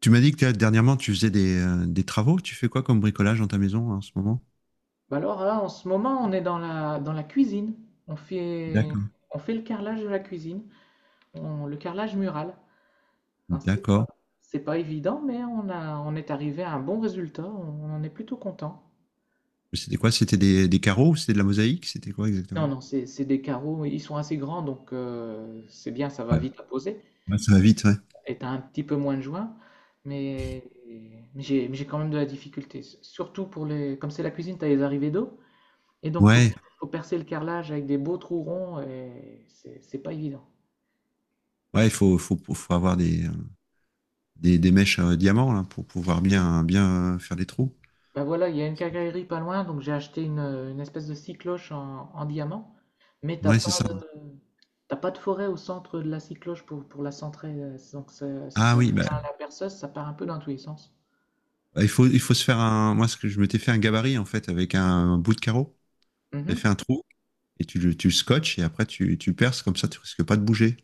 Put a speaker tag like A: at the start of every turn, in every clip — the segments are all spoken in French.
A: Tu m'as dit que dernièrement, tu faisais des travaux. Tu fais quoi comme bricolage dans ta maison en ce moment?
B: Bah alors là, en ce moment, on est dans la cuisine. On fait,
A: D'accord.
B: on fait le carrelage de la cuisine, le carrelage mural. Enfin,
A: D'accord.
B: c'est pas évident, mais on est arrivé à un bon résultat. On en est plutôt content.
A: C'était quoi? C'était des carreaux? C'était de la mosaïque? C'était quoi
B: Non,
A: exactement?
B: non, c'est des carreaux, ils sont assez grands, donc c'est bien, ça va
A: Ouais.
B: vite à poser.
A: Ouais, ça va vite, ouais.
B: Et t'as un petit peu moins de joints, mais, mais j'ai quand même de la difficulté. Surtout pour les, comme c'est la cuisine, t'as les arrivées d'eau, et donc
A: Ouais,
B: faut percer le carrelage avec des beaux trous ronds, et c'est pas évident.
A: ouais, il faut, faut avoir des mèches diamants là, pour pouvoir bien, bien faire des trous.
B: Bah voilà, il y a une quincaillerie pas loin, donc j'ai acheté une espèce de cycloche en diamant, mais
A: Ouais, c'est ça.
B: t'as pas de forêt au centre de la cycloche pour la centrer, donc si
A: Ah
B: tu
A: oui, bah,
B: tiens la perceuse, ça part un peu dans tous les sens.
A: bah, il faut se faire un. Moi, ce que je m'étais fait un gabarit en fait avec un bout de carreau. J'ai fait
B: Mhm.
A: un trou et tu le scotches et après tu perces comme ça, tu risques pas de bouger.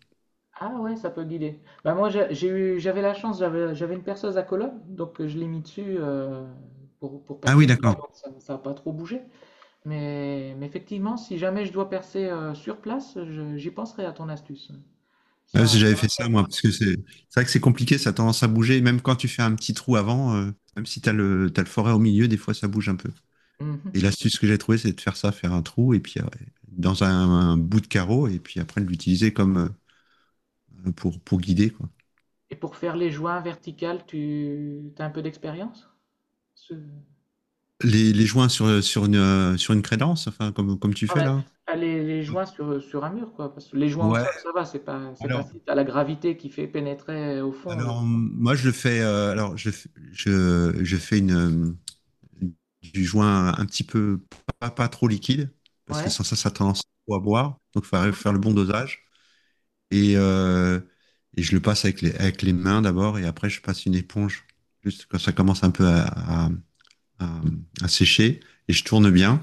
B: Ah ouais, ça peut guider. Bah moi j'avais la chance, j'avais une perceuse à colonne, donc je l'ai mis dessus pour
A: Ah oui,
B: percer le toit,
A: d'accord.
B: donc ça a pas trop bougé. Mais effectivement, si jamais je dois percer sur place, j'y penserai à ton astuce.
A: Ouais, si
B: Ça
A: j'avais
B: va
A: fait
B: me
A: ça, moi,
B: servir.
A: parce que c'est vrai que c'est compliqué, ça a tendance à bouger. Et même quand tu fais un petit trou avant, même si t'as le forêt au milieu, des fois ça bouge un peu.
B: Mhm.
A: Et l'astuce que j'ai trouvée, c'est de faire ça, faire un trou, et puis dans un bout de carreau, et puis après de l'utiliser comme pour guider, quoi.
B: Et pour faire les joints verticales, tu as un peu d'expérience? Ce-
A: Les joints sur une crédence, enfin, comme, comme tu
B: Enfin,
A: fais
B: ouais,
A: là.
B: pas les, les joints sur un mur, quoi. Parce que les joints au
A: Ouais,
B: sol, ça va, c'est pas, c'est
A: alors,
B: facile. T'as la gravité qui fait pénétrer au fond de…
A: alors moi je le fais, alors je fais une, du joint un petit peu pas trop liquide, parce que
B: Ouais.
A: sans ça, ça a tendance à boire. Donc, il faut
B: Mhm.
A: faire le bon dosage. Et, euh, et je le passe avec les mains d'abord, et après, je passe une éponge, juste quand ça commence un peu à, à sécher, et je tourne bien.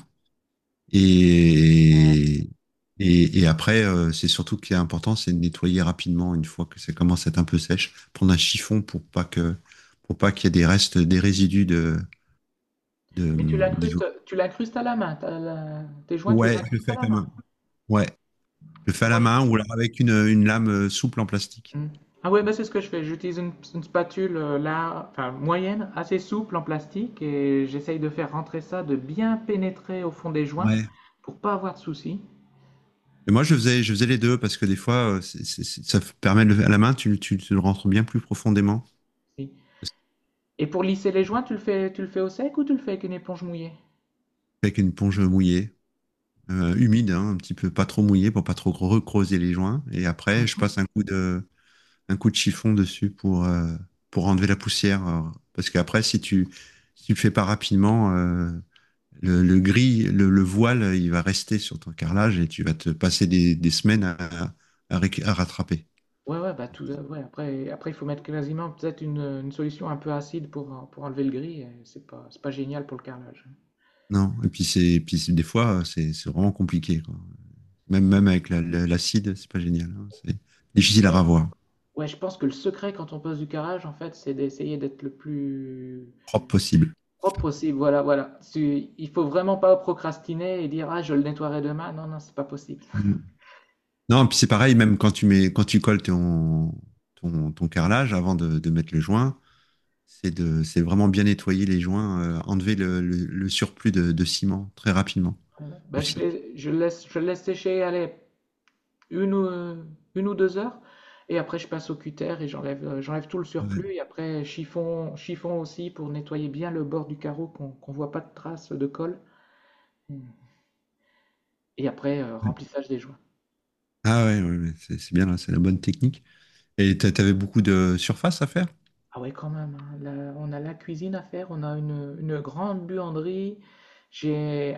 A: Et, et après, c'est surtout ce qui est important, c'est de nettoyer rapidement une fois que ça commence à être un peu sèche. Prendre un chiffon pour pas qu'il y ait des restes, des résidus
B: Et
A: de, des…
B: tu l'incrustes à la main. Tes joints, tu les
A: Ouais, je le
B: incrustes
A: fais
B: à
A: avec
B: la
A: la
B: main.
A: main. Ouais, je le
B: Parce
A: fais
B: que
A: à
B: moi,
A: la main ou alors avec une lame souple en plastique.
B: Mhm. Ah ouais, bah c'est ce que je fais. J'utilise une spatule là, enfin moyenne, assez souple en plastique, et j'essaye de faire rentrer ça, de bien pénétrer au fond des joints
A: Ouais.
B: pour pas avoir de soucis.
A: Et moi, je faisais les deux parce que des fois, ça permet à la main, tu le rentres bien plus profondément.
B: Si.
A: Parce que…
B: Et pour lisser les joints, tu le fais au sec ou tu le fais avec une éponge mouillée?
A: Avec une ponge mouillée, humide, hein, un petit peu pas trop mouillée pour pas trop recreuser les joints. Et après, je
B: Mhm.
A: passe un coup de chiffon dessus pour enlever la poussière. Parce qu'après, si tu le fais pas rapidement, le gris, voile, il va rester sur ton carrelage et tu vas te passer des semaines à rattraper.
B: Ouais, ouais, bah ouais, après, il faut mettre quasiment peut-être une solution un peu acide pour enlever le gris. Et c'est pas génial pour le carrelage.
A: Non, et puis c'est des fois c'est vraiment compliqué. Quoi. Même même avec l'acide, l'acide, c'est pas génial. Hein. C'est difficile à
B: Ouais.
A: ravoir,
B: Ouais, je pense que le secret quand on pose du carrelage, en fait, c'est d'essayer d'être le plus
A: propre possible.
B: propre possible. Voilà, voilà. Il faut vraiment pas procrastiner et dire, ah, je le nettoierai demain. Non, non, c'est pas possible.
A: Mm. Non, et puis c'est pareil, même quand tu mets, quand tu colles ton, ton carrelage avant mettre le joint, c'est de, c'est vraiment bien nettoyer les joints, enlever le surplus ciment très rapidement
B: Ouais, ouais. Bah,
A: aussi.
B: je le laisse sécher, allez, une ou, heu, une ou 2 heures et après je passe au cutter et j'enlève tout le
A: Ouais.
B: surplus, et après chiffon aussi pour nettoyer bien le bord du carreau qu'on voit pas de traces de colle. Mmh. Et après, remplissage des joints.
A: Ah ouais, ouais, ouais, c'est bien là, c'est la bonne technique. Et t'avais beaucoup de surface à faire?
B: Ah ouais quand même, hein, là, on a la cuisine à faire, on a une grande buanderie, j'ai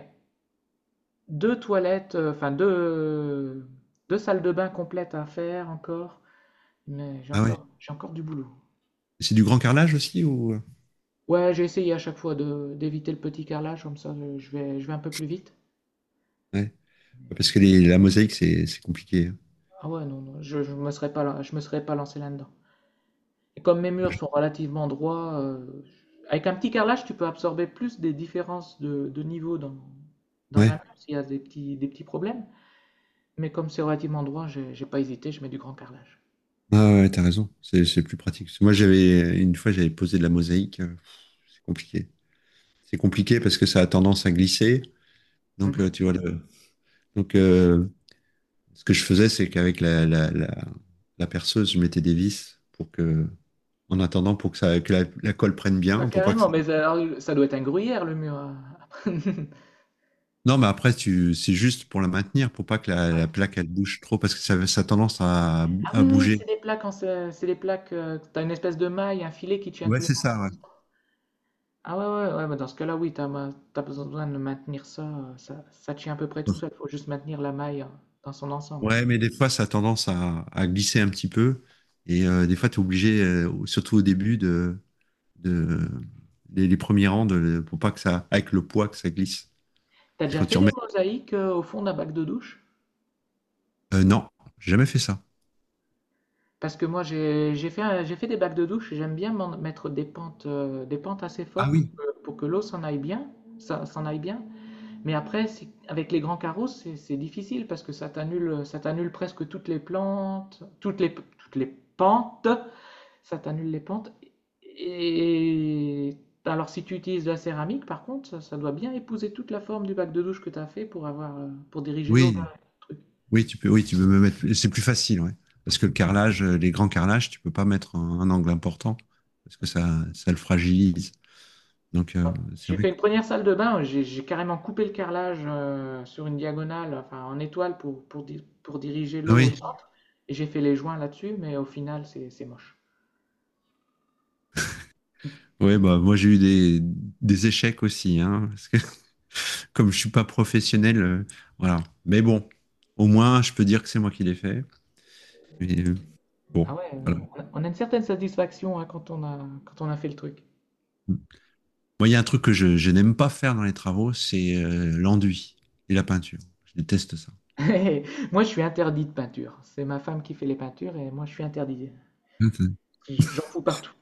B: 2 toilettes, enfin 2 salles de bain complètes à faire encore, mais
A: Ah ouais.
B: j'ai encore du boulot.
A: C'est du grand carrelage aussi ou…
B: Ouais, j'ai essayé à chaque fois de d'éviter le petit carrelage comme ça, je vais un peu plus vite.
A: Ouais. Parce que la mosaïque, c'est compliqué, hein.
B: Ah ouais, non, non, je me serais pas, je me serais pas lancé là-dedans. Et comme mes murs
A: Ouais.
B: sont relativement droits, avec un petit carrelage, tu peux absorber plus des différences de niveau dans un
A: Ouais,
B: mur s'il y a des petits problèmes. Mais comme c'est relativement droit, j'ai pas hésité, je mets du grand carrelage.
A: ah ouais, ouais, t'as raison. C'est plus pratique. Parce que moi, j'avais une fois, j'avais posé de la mosaïque. C'est compliqué. C'est compliqué parce que ça a tendance à glisser. Donc,
B: Mhm.
A: tu vois, donc ce que je faisais, c'est qu'avec la perceuse, je mettais des vis pour que, en attendant, pour que ça, que la colle prenne
B: Ah,
A: bien, pour pas que
B: carrément,
A: ça…
B: mais ça doit être un gruyère le mur, hein.
A: Non, mais après, tu, c'est juste pour la maintenir, pour pas que
B: Ouais.
A: la plaque, elle bouge trop, parce que ça a tendance
B: Ah
A: à
B: oui, oui,
A: bouger.
B: c'est des plaques, c'est des plaques, t'as une espèce de maille, un filet qui tient tous
A: Ouais,
B: les
A: c'est
B: morceaux.
A: ça, ouais.
B: Ah ouais, ouais, ouais, bah dans ce cas-là, oui, t'as besoin de maintenir ça, ça tient à peu près tout seul, faut juste maintenir la maille dans son ensemble.
A: Ouais, mais des fois, ça a tendance à glisser un petit peu. Et des fois, tu es obligé, surtout au début, de, les premiers rangs, de, pour pas que ça, avec le poids, que ça glisse.
B: T'as
A: C'est
B: déjà
A: quand tu
B: fait des
A: remets.
B: mosaïques au fond d'un bac de douche?
A: Non, j'ai jamais fait ça.
B: Parce que moi, j'ai fait, j'ai fait des bacs de douche, et j'aime bien mettre des pentes assez
A: Ah
B: fortes
A: oui.
B: pour que l'eau s'en aille bien, s'en aille bien. Mais après, avec les grands carreaux, c'est difficile parce que ça t'annule presque toutes les plantes, toutes les pentes. Ça t'annule les pentes. Et alors, si tu utilises de la céramique, par contre, ça doit bien épouser toute la forme du bac de douche que tu as fait pour avoir, pour diriger l'eau vers
A: Oui,
B: le truc.
A: oui, tu peux me mettre. C'est plus facile, ouais. Parce que le carrelage, les grands carrelages, tu peux pas mettre un angle important, parce que
B: Ouais.
A: ça le fragilise. Donc, c'est
B: J'ai
A: vrai
B: fait
A: que-
B: une première salle de bain, j'ai carrément coupé le carrelage sur une diagonale, enfin en étoile pour diriger
A: Ah
B: l'eau au
A: oui,
B: centre, et j'ai fait les joints là-dessus, mais au final c'est moche.
A: ouais, bah, moi j'ai eu des échecs aussi, hein, parce que comme je suis pas professionnel, voilà. Mais bon, au moins je peux dire que c'est moi qui l'ai fait. Mais,
B: Ah
A: bon,
B: ouais,
A: voilà.
B: on a une certaine satisfaction hein, quand on a fait le truc.
A: Moi, il y a un truc que je n'aime pas faire dans les travaux, c'est l'enduit et la peinture. Je déteste ça.
B: Moi je suis interdit de peinture, c'est ma femme qui fait les peintures et moi je suis interdit.
A: Ok.
B: J'en fous partout.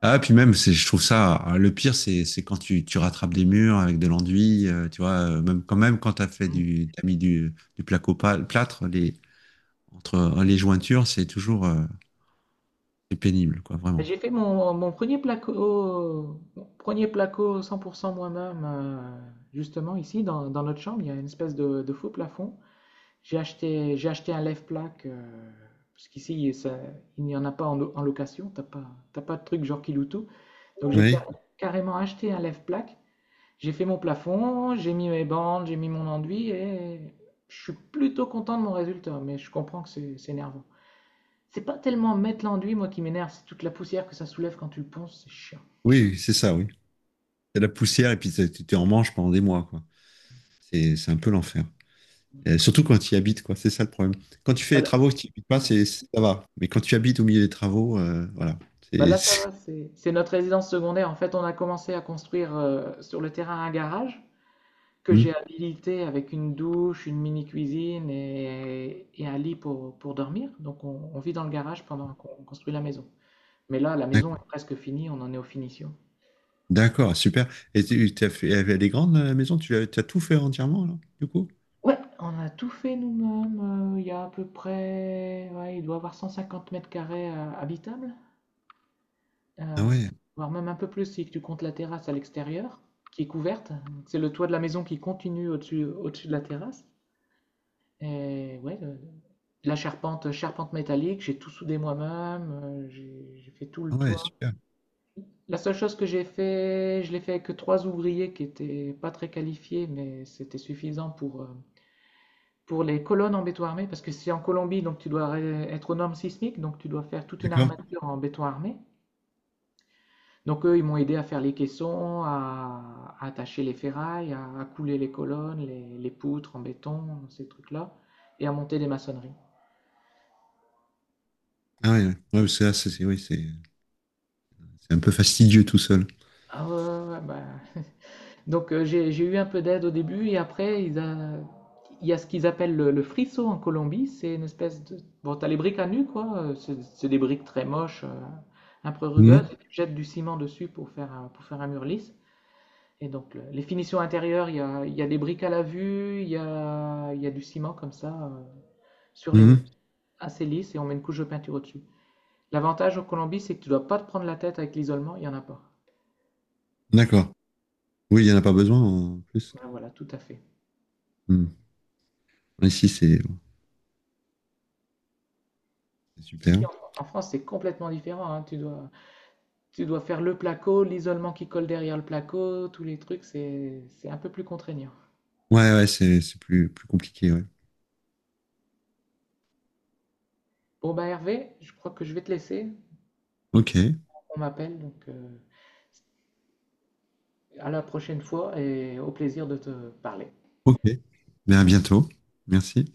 A: Ah, puis même, c'est, je trouve ça, ah, le pire, c'est quand tu rattrapes des murs avec de l'enduit, tu vois, même quand t'as fait t'as mis du plâtre, les, entre les jointures, c'est toujours pénible, quoi, vraiment.
B: J'ai fait mon premier placo 100% moi-même, justement ici dans notre chambre. Il y a une espèce de faux plafond. J'ai acheté un lève-plaque, parce qu'ici il n'y en a pas en location. T'as pas de truc genre Kiloutou. Donc
A: Oui,
B: carrément acheté un lève-plaque. J'ai fait mon plafond, j'ai mis mes bandes, j'ai mis mon enduit et je suis plutôt content de mon résultat. Mais je comprends que c'est énervant. C'est pas tellement mettre l'enduit, moi, qui m'énerve, c'est toute la poussière que ça soulève quand tu le ponces, c'est chiant.
A: oui, c'est ça, oui. C'est la poussière et puis tu en manche pendant des mois, quoi. C'est un peu l'enfer. Et surtout quand tu y habites, quoi. C'est ça le problème. Quand tu fais les
B: Voilà.
A: travaux, si tu n'y habites pas,
B: Ouais.
A: c'est, ça va. Mais quand tu habites au milieu des travaux, voilà.
B: Bah là, ça
A: C'est-
B: va, c'est notre résidence secondaire. En fait, on a commencé à construire sur le terrain un garage que
A: Hmm.
B: j'ai habilité avec une douche, une mini-cuisine et un lit pour dormir. Donc, on vit dans le garage pendant qu'on construit la maison. Mais là, la maison est presque finie, on en est aux finitions.
A: D'accord, super. Et tu as fait, elle est grande, la maison? Tu as tout fait entièrement, alors, du coup?
B: Ouais, on a tout fait nous-mêmes. Euh, il y a à peu près, ouais, il doit y avoir 150 mètres carrés habitables.
A: Ah
B: Heu,
A: ouais,
B: voire même un peu plus si tu comptes la terrasse à l'extérieur, qui est couverte. C'est le toit de la maison qui continue au-dessus de la terrasse. Et ouais, le la charpente, charpente métallique, j'ai tout soudé moi-même, j'ai fait tout le
A: ah ouais,
B: toit.
A: super.
B: La seule chose que j'ai fait, je l'ai fait avec 3 ouvriers qui étaient pas très qualifiés, mais c'était suffisant pour les colonnes en béton armé parce que c'est en Colombie, donc tu dois ré être aux normes sismiques, donc tu dois faire toute une
A: D'accord.
B: armature en béton armé. Donc eux, ils m'ont aidé à faire les caissons, à attacher les ferrailles, à couler les colonnes, les poutres en béton, ces trucs-là, et à monter des maçonneries.
A: Ah ouais, ouais. Ouais, parce que là, c'est- oui, c'est un peu fastidieux tout seul.
B: Ah ouais, ouais, ouais, bah. Donc j'ai eu un peu d'aide au début, et après, il y a ce qu'ils appellent le frisson en Colombie, c'est une espèce de… Bon, t'as les briques à nu, quoi, c'est des briques très moches, un peu rugueuses,
A: Hmm.
B: et tu jettes du ciment dessus pour faire, pour faire un mur lisse. Et donc, les finitions intérieures, il y a des briques à la vue, il y a du ciment comme ça sur les murs,
A: Hmm.
B: assez lisse, et on met une couche de peinture au-dessus. L'avantage en Colombie, c'est que tu dois pas te prendre la tête avec l'isolement, il n'y en a pas.
A: D'accord. Oui, il n'y en a pas besoin en plus.
B: Ben voilà, tout à fait.
A: Hmm. Ici, c'est
B: Ici,
A: super.
B: en France, c'est complètement différent, hein. Tu dois faire le placo, l'isolement qui colle derrière le placo, tous les trucs, c'est un peu plus contraignant.
A: Ouais, ouais, c'est plus, plus compliqué. Ouais.
B: Bon, ben Hervé, je crois que je vais te laisser.
A: Ok,
B: On m'appelle, donc à la prochaine fois et au plaisir de te parler.
A: ok. Mais à bientôt. Merci.